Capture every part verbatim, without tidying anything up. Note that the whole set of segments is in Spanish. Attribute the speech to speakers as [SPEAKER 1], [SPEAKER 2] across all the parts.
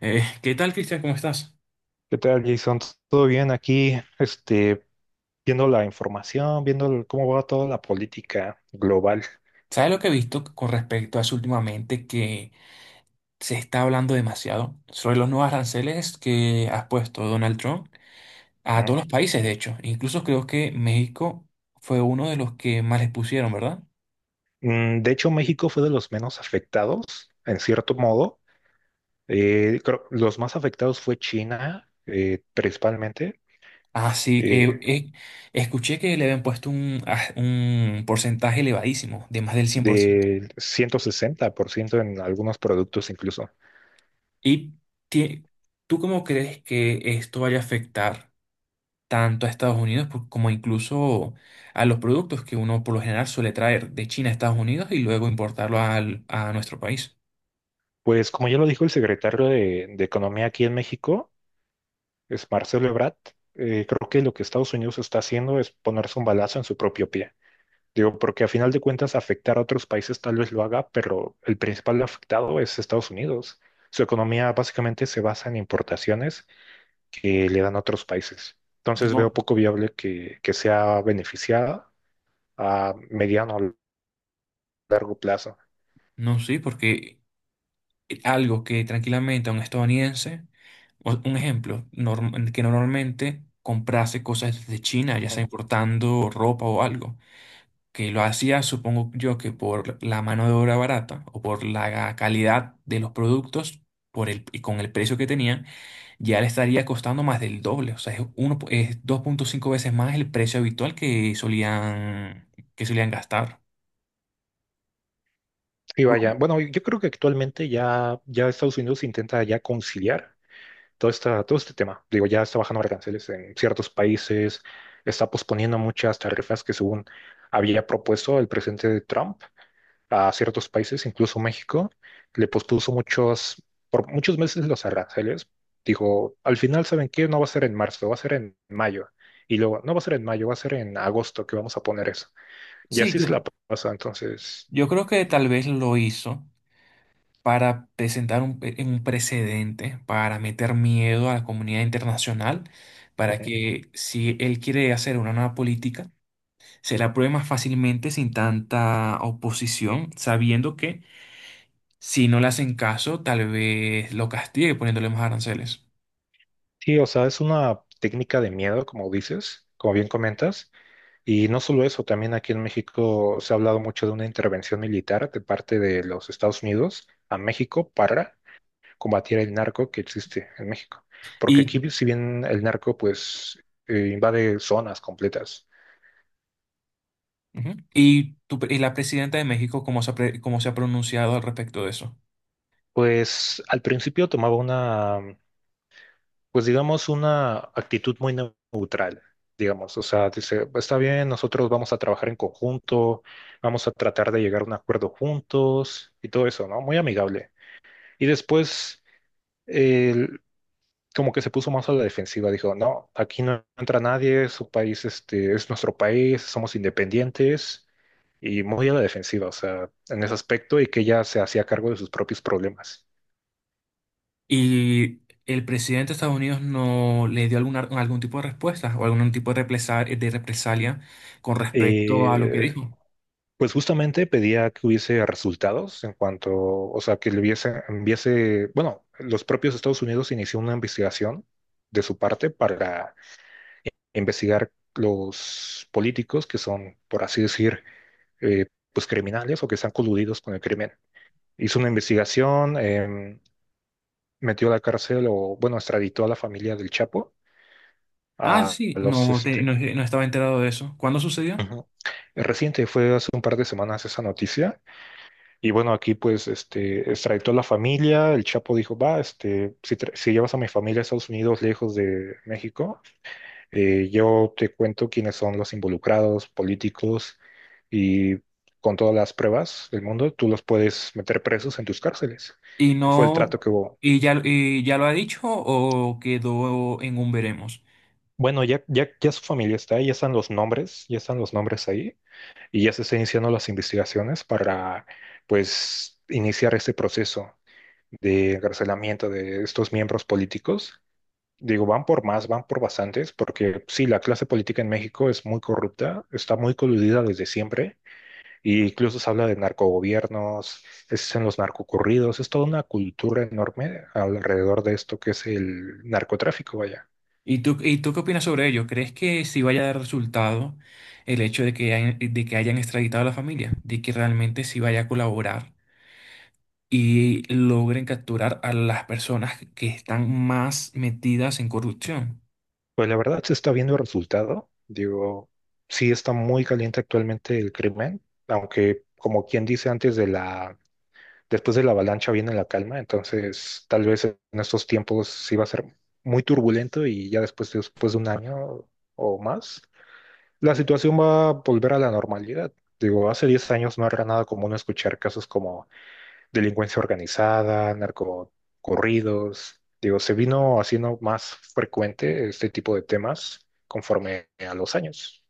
[SPEAKER 1] Eh, ¿qué tal, Cristian? ¿Cómo estás?
[SPEAKER 2] ¿Qué tal, Jason? ¿Todo bien aquí? Este, viendo la información, viendo el- cómo va toda la política global,
[SPEAKER 1] ¿Sabes lo que he visto con respecto a eso últimamente? Que se está hablando demasiado sobre los nuevos aranceles que ha puesto Donald Trump a
[SPEAKER 2] ¿no?
[SPEAKER 1] todos los países, de hecho. Incluso creo que México fue uno de los que más les pusieron, ¿verdad?
[SPEAKER 2] Mm, De hecho, México fue de los menos afectados, en cierto modo. Eh, creo- los más afectados fue China, eh, principalmente,
[SPEAKER 1] Así
[SPEAKER 2] eh,
[SPEAKER 1] que escuché que le habían puesto un, ah, un porcentaje elevadísimo, de más del cien por ciento.
[SPEAKER 2] del ciento sesenta por ciento en algunos productos incluso.
[SPEAKER 1] ¿Y tie- tú cómo crees que esto vaya a afectar tanto a Estados Unidos por- como incluso a los productos que uno por lo general suele traer de China a Estados Unidos y luego importarlo al- a nuestro país?
[SPEAKER 2] Pues como ya lo dijo el secretario de, de Economía aquí en México, es Marcelo Ebrard. Eh, creo que lo que Estados Unidos está haciendo es ponerse un balazo en su propio pie. Digo, porque a final de cuentas afectar a otros países tal vez lo haga, pero el principal afectado es Estados Unidos. Su economía básicamente se basa en importaciones que le dan a otros países. Entonces
[SPEAKER 1] No.
[SPEAKER 2] veo poco viable que, que sea beneficiada a mediano o largo plazo.
[SPEAKER 1] No, sí, porque algo que tranquilamente a un estadounidense, o- un ejemplo, norm- que normalmente comprase cosas de China, ya sea
[SPEAKER 2] Ujú.
[SPEAKER 1] importando ropa o algo, que lo hacía, supongo yo, que por la mano de obra barata o por la calidad de los productos, por el, y con el precio que tenían, ya le estaría costando más del doble. O sea, es, uno, po- es dos punto cinco veces más el precio habitual que solían, que solían gastar.
[SPEAKER 2] Y
[SPEAKER 1] Yo-
[SPEAKER 2] vaya, bueno, yo creo que actualmente ya, ya Estados Unidos intenta ya conciliar todo, esta, todo este tema. Digo, ya está bajando aranceles en ciertos países, está posponiendo muchas tarifas que según había propuesto el presidente Trump a ciertos países, incluso México, le pospuso muchos, por muchos meses los aranceles. Dijo, al final, ¿saben qué? No va a ser en marzo, va a ser en mayo. Y luego, no va a ser en mayo, va a ser en agosto que vamos a poner eso. Y
[SPEAKER 1] Sí,
[SPEAKER 2] así se
[SPEAKER 1] yo,
[SPEAKER 2] la pasa, entonces.
[SPEAKER 1] yo creo que tal vez lo hizo para presentar un, pe- un precedente, para meter miedo a la comunidad internacional, para
[SPEAKER 2] Ujú.
[SPEAKER 1] que si él quiere hacer una nueva política, se la apruebe más fácilmente sin tanta oposición, sabiendo que si no le hacen caso, tal vez lo castigue poniéndole más aranceles.
[SPEAKER 2] Sí, o sea, es una técnica de miedo, como dices, como bien comentas. Y no solo eso, también aquí en México se ha hablado mucho de una intervención militar de parte de los Estados Unidos a México para combatir el narco que existe en México. Porque
[SPEAKER 1] Y
[SPEAKER 2] aquí, si bien el narco pues eh, invade zonas completas,
[SPEAKER 1] Ujú. ¿Y tu pre- y la presidenta de México, cómo se ha, pre- cómo se ha pronunciado al respecto de eso?
[SPEAKER 2] pues al principio tomaba una, pues digamos, una actitud muy neutral, digamos. O sea, dice, está bien, nosotros vamos a trabajar en conjunto, vamos a tratar de llegar a un acuerdo juntos y todo eso, ¿no? Muy amigable. Y después, como que se puso más a la defensiva, dijo, no, aquí no entra nadie, su país este, es nuestro país, somos independientes y muy a la defensiva, o sea, en ese aspecto y que ella se hacía cargo de sus propios problemas.
[SPEAKER 1] ¿Y el presidente de Estados Unidos no le dio alguna, algún tipo de respuesta o algún tipo de represalia, de represalia con respecto a lo que
[SPEAKER 2] Eh,
[SPEAKER 1] dijo?
[SPEAKER 2] pues justamente pedía que hubiese resultados en cuanto, o sea, que le hubiese, enviase, bueno, los propios Estados Unidos inició una investigación de su parte para investigar los políticos que son, por así decir, eh, pues criminales o que están coludidos con el crimen. Hizo una investigación. Em, metió a la cárcel o, bueno, extraditó a la familia del Chapo,
[SPEAKER 1] Ah,
[SPEAKER 2] a
[SPEAKER 1] sí,
[SPEAKER 2] los,
[SPEAKER 1] no, te-
[SPEAKER 2] este,
[SPEAKER 1] no, no estaba enterado de eso. ¿Cuándo sucedió?
[SPEAKER 2] ujú. Reciente fue hace un par de semanas esa noticia. Y bueno, aquí pues este extraditó a la familia. El Chapo dijo, va, este, si, tra- si llevas a mi familia a Estados Unidos lejos de México. Eh, yo te cuento quiénes son los involucrados, políticos, y con todas las pruebas del mundo, tú los puedes meter presos en tus cárceles.
[SPEAKER 1] ¿Y
[SPEAKER 2] Fue el trato
[SPEAKER 1] no,
[SPEAKER 2] que hubo.
[SPEAKER 1] y ya, y ya lo ha dicho o quedó en un veremos?
[SPEAKER 2] Bueno, ya, ya, ya su familia está ahí, ya están los nombres, ya están los nombres ahí, y ya se están iniciando las investigaciones para, pues, iniciar este proceso de encarcelamiento de estos miembros políticos. Digo, van por más, van por bastantes, porque sí, la clase política en México es muy corrupta, está muy coludida desde siempre. Y incluso se habla de narcogobiernos, es en los narcocurridos, es toda una cultura enorme alrededor de esto que es el narcotráfico, vaya.
[SPEAKER 1] ¿Y tú, y tú qué opinas sobre ello? ¿Crees que sí vaya a dar resultado el hecho de que hayan, de que hayan extraditado a la familia? ¿De que realmente sí vaya a colaborar y logren capturar a las personas que están más metidas en corrupción?
[SPEAKER 2] Pues la verdad se está viendo el resultado. Digo, sí está muy caliente actualmente el crimen, aunque como quien dice antes de la, después de la avalancha viene la calma. Entonces tal vez en estos tiempos sí va a ser muy turbulento y ya después, después de un año o más, la situación va a volver a la normalidad. Digo, hace diez años no era nada común escuchar casos como delincuencia organizada, narcocorridos. Digo, se vino haciendo más frecuente este tipo de temas conforme a los años.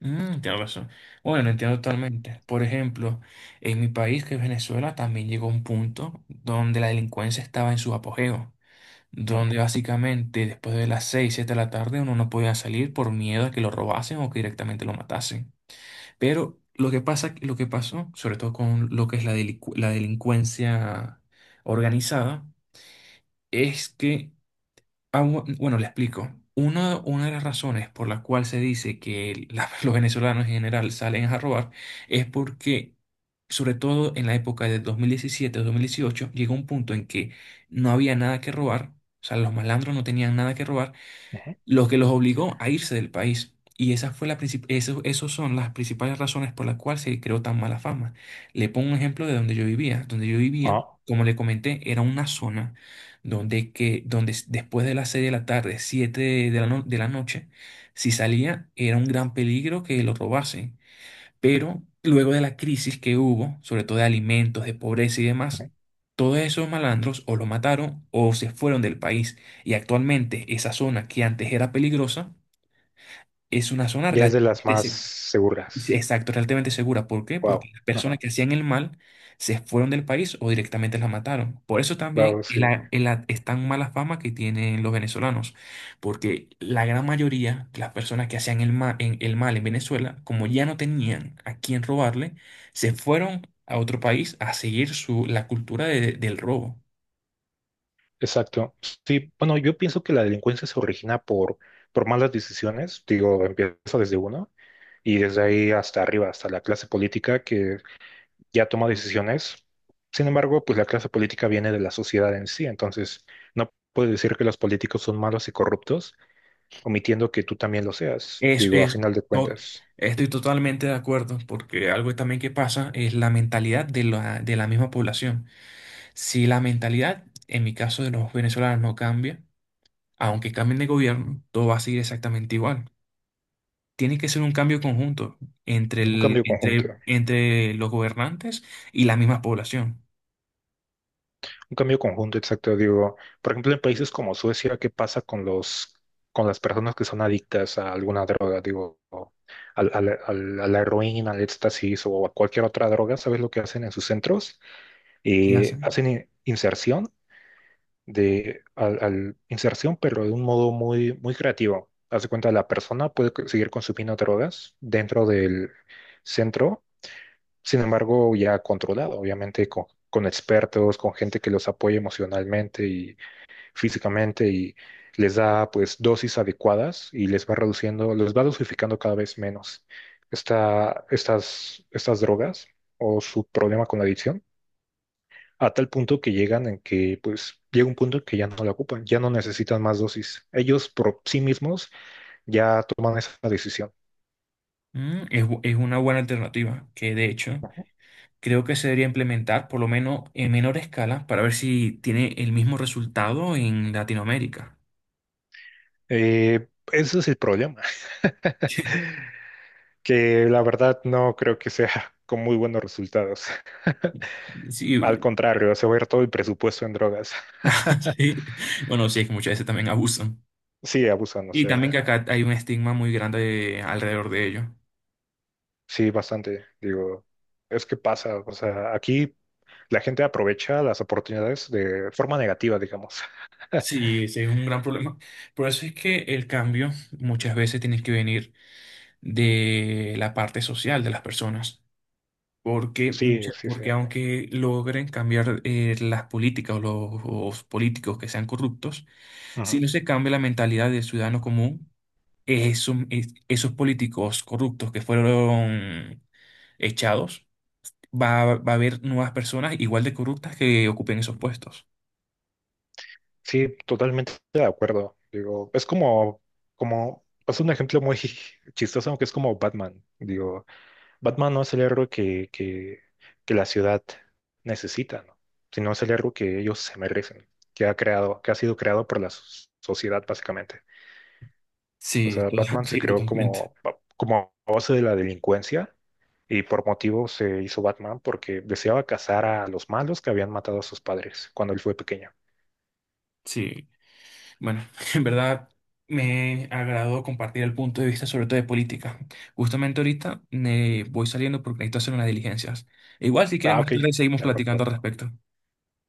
[SPEAKER 1] Mm, tienes razón. Bueno, entiendo totalmente. Por ejemplo, en mi país, que es Venezuela, también llegó un punto donde la delincuencia estaba en su apogeo,
[SPEAKER 2] Ujú,
[SPEAKER 1] donde básicamente después de las seis, siete de la tarde uno no podía salir por miedo a que lo robasen o que directamente lo matasen. Pero lo que pasa, lo que pasó, sobre todo con lo que es la, delincu- la delincuencia organizada, es que, ah, bu- bueno, le explico. Una, una de las razones por la cual se dice que la- los venezolanos en general salen a robar es porque, sobre todo en la época de dos mil diecisiete-dos mil dieciocho, llegó un punto en que no había nada que robar, o sea, los malandros no tenían nada que robar,
[SPEAKER 2] ujú.
[SPEAKER 1] lo que los obligó a irse del país. Y esa fue la princip- eso, esos son las principales razones por las cuales se creó tan mala fama. Le pongo un ejemplo de donde yo vivía. Donde yo vivía,
[SPEAKER 2] Ah,
[SPEAKER 1] como le comenté, era una zona donde, que, donde s- después de las seis de la tarde, siete de la, no- de la noche, si salía, era un gran peligro que lo robasen. Pero luego de la crisis que hubo, sobre todo de alimentos, de pobreza y demás,
[SPEAKER 2] ujú.
[SPEAKER 1] todos esos malandros o lo mataron o se fueron del país. Y actualmente esa zona que antes era peligrosa es una zona Ujú.
[SPEAKER 2] Ya es de las
[SPEAKER 1] Relativamente
[SPEAKER 2] más
[SPEAKER 1] Sí,
[SPEAKER 2] seguras.
[SPEAKER 1] Exacto, realmente segura. ¿Por qué? Porque
[SPEAKER 2] Wow.
[SPEAKER 1] las personas
[SPEAKER 2] Ajá.
[SPEAKER 1] que hacían el mal se fueron del país o directamente las mataron. Por eso también
[SPEAKER 2] Wow,
[SPEAKER 1] es
[SPEAKER 2] sí.
[SPEAKER 1] la- es la- es tan mala fama que tienen los venezolanos. Porque la gran mayoría de las personas que hacían el ma- en- el mal en Venezuela, como ya no tenían a quién robarle, se fueron a otro país a seguir su, la cultura de- del robo.
[SPEAKER 2] Exacto. Sí, bueno, yo pienso que la delincuencia se origina por, por malas decisiones. Digo, empieza desde uno y desde ahí hasta arriba, hasta la clase política que ya toma decisiones. Sin embargo, pues la clase política viene de la sociedad en sí, entonces no puedes decir que los políticos son malos y corruptos, omitiendo que tú también lo seas,
[SPEAKER 1] Es,
[SPEAKER 2] digo, a
[SPEAKER 1] es,
[SPEAKER 2] final de
[SPEAKER 1] no,
[SPEAKER 2] cuentas.
[SPEAKER 1] estoy totalmente de acuerdo, porque algo también que pasa es la mentalidad de la, de la misma población. Si la mentalidad, en mi caso de los venezolanos, no cambia, aunque cambien de gobierno, todo va a seguir exactamente igual. Tiene que ser un cambio conjunto entre
[SPEAKER 2] Un
[SPEAKER 1] el-
[SPEAKER 2] cambio conjunto,
[SPEAKER 1] entre, entre los gobernantes y la misma población.
[SPEAKER 2] un cambio conjunto exacto, digo, por ejemplo, en países como Suecia, ¿qué pasa con los, con las personas que son adictas a alguna droga? Digo, al- al- al- a la heroína, al éxtasis o a cualquier otra droga, ¿sabes lo que hacen en sus centros?
[SPEAKER 1] ¿Qué
[SPEAKER 2] Eh,
[SPEAKER 1] hacen?
[SPEAKER 2] hacen in- inserción de al, al inserción, pero de un modo muy, muy creativo. Hace cuenta, la persona puede co- seguir consumiendo drogas dentro del centro. Sin embargo, ya controlado, obviamente, con, con expertos, con gente que los apoya emocionalmente y físicamente y les da pues dosis adecuadas y les va reduciendo, les va dosificando cada vez menos esta, estas, estas drogas o su problema con la adicción a tal punto que llegan en que, pues, llega un punto en que ya no la ocupan, ya no necesitan más dosis. Ellos por sí mismos ya toman esa decisión.
[SPEAKER 1] Mm, es, bu- es una buena alternativa que, de hecho, creo que se debería implementar por lo menos en menor escala para ver si tiene el mismo resultado en Latinoamérica.
[SPEAKER 2] Eh, ese es el problema, que la verdad no creo que sea con muy buenos resultados.
[SPEAKER 1] Sí,
[SPEAKER 2] Al contrario, se va a ir todo el presupuesto en drogas.
[SPEAKER 1] sí, bueno, sí, es que muchas veces también abusan.
[SPEAKER 2] Sí, abusan, o
[SPEAKER 1] Y también que
[SPEAKER 2] sea,
[SPEAKER 1] acá hay un estigma muy grande alrededor de ello.
[SPEAKER 2] sí, bastante. Digo, es que pasa, o sea, aquí la gente aprovecha las oportunidades de forma negativa, digamos.
[SPEAKER 1] Sí, ese es un gran problema. Por eso es que el cambio muchas veces tiene que venir de la parte social de las personas. Porque,
[SPEAKER 2] Sí,
[SPEAKER 1] mucha-
[SPEAKER 2] sí, sí.
[SPEAKER 1] porque aunque logren cambiar eh, las políticas o los, los políticos que sean corruptos,
[SPEAKER 2] Ujú.
[SPEAKER 1] si no se cambia la mentalidad del ciudadano común, esos, esos políticos corruptos que fueron echados, va, va a haber nuevas personas igual de corruptas que ocupen esos puestos.
[SPEAKER 2] Sí, totalmente de acuerdo. Digo, es como, como, es un ejemplo muy chistoso, aunque es como Batman. Digo, Batman no es el héroe que, que, que la ciudad necesita, ¿no? Sino es el héroe que ellos se merecen, que ha creado, que ha sido creado por la so- sociedad, básicamente. O
[SPEAKER 1] Sí,
[SPEAKER 2] sea,
[SPEAKER 1] to-
[SPEAKER 2] Batman se
[SPEAKER 1] sí,
[SPEAKER 2] creó
[SPEAKER 1] totalmente.
[SPEAKER 2] como, como a base de la delincuencia y por motivo se hizo Batman porque deseaba cazar a los malos que habían matado a sus padres cuando él fue pequeño.
[SPEAKER 1] Sí, bueno, en verdad me agradó compartir el punto de vista sobre todo de política. Justamente ahorita me voy saliendo porque necesito hacer unas diligencias. Igual si quieres
[SPEAKER 2] Ah,
[SPEAKER 1] más
[SPEAKER 2] ok,
[SPEAKER 1] tarde seguimos
[SPEAKER 2] de
[SPEAKER 1] platicando al
[SPEAKER 2] acuerdo.
[SPEAKER 1] respecto.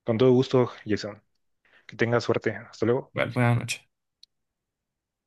[SPEAKER 2] Con todo gusto, Jason. Que tengas suerte. Hasta luego.
[SPEAKER 1] Vale, buenas noches.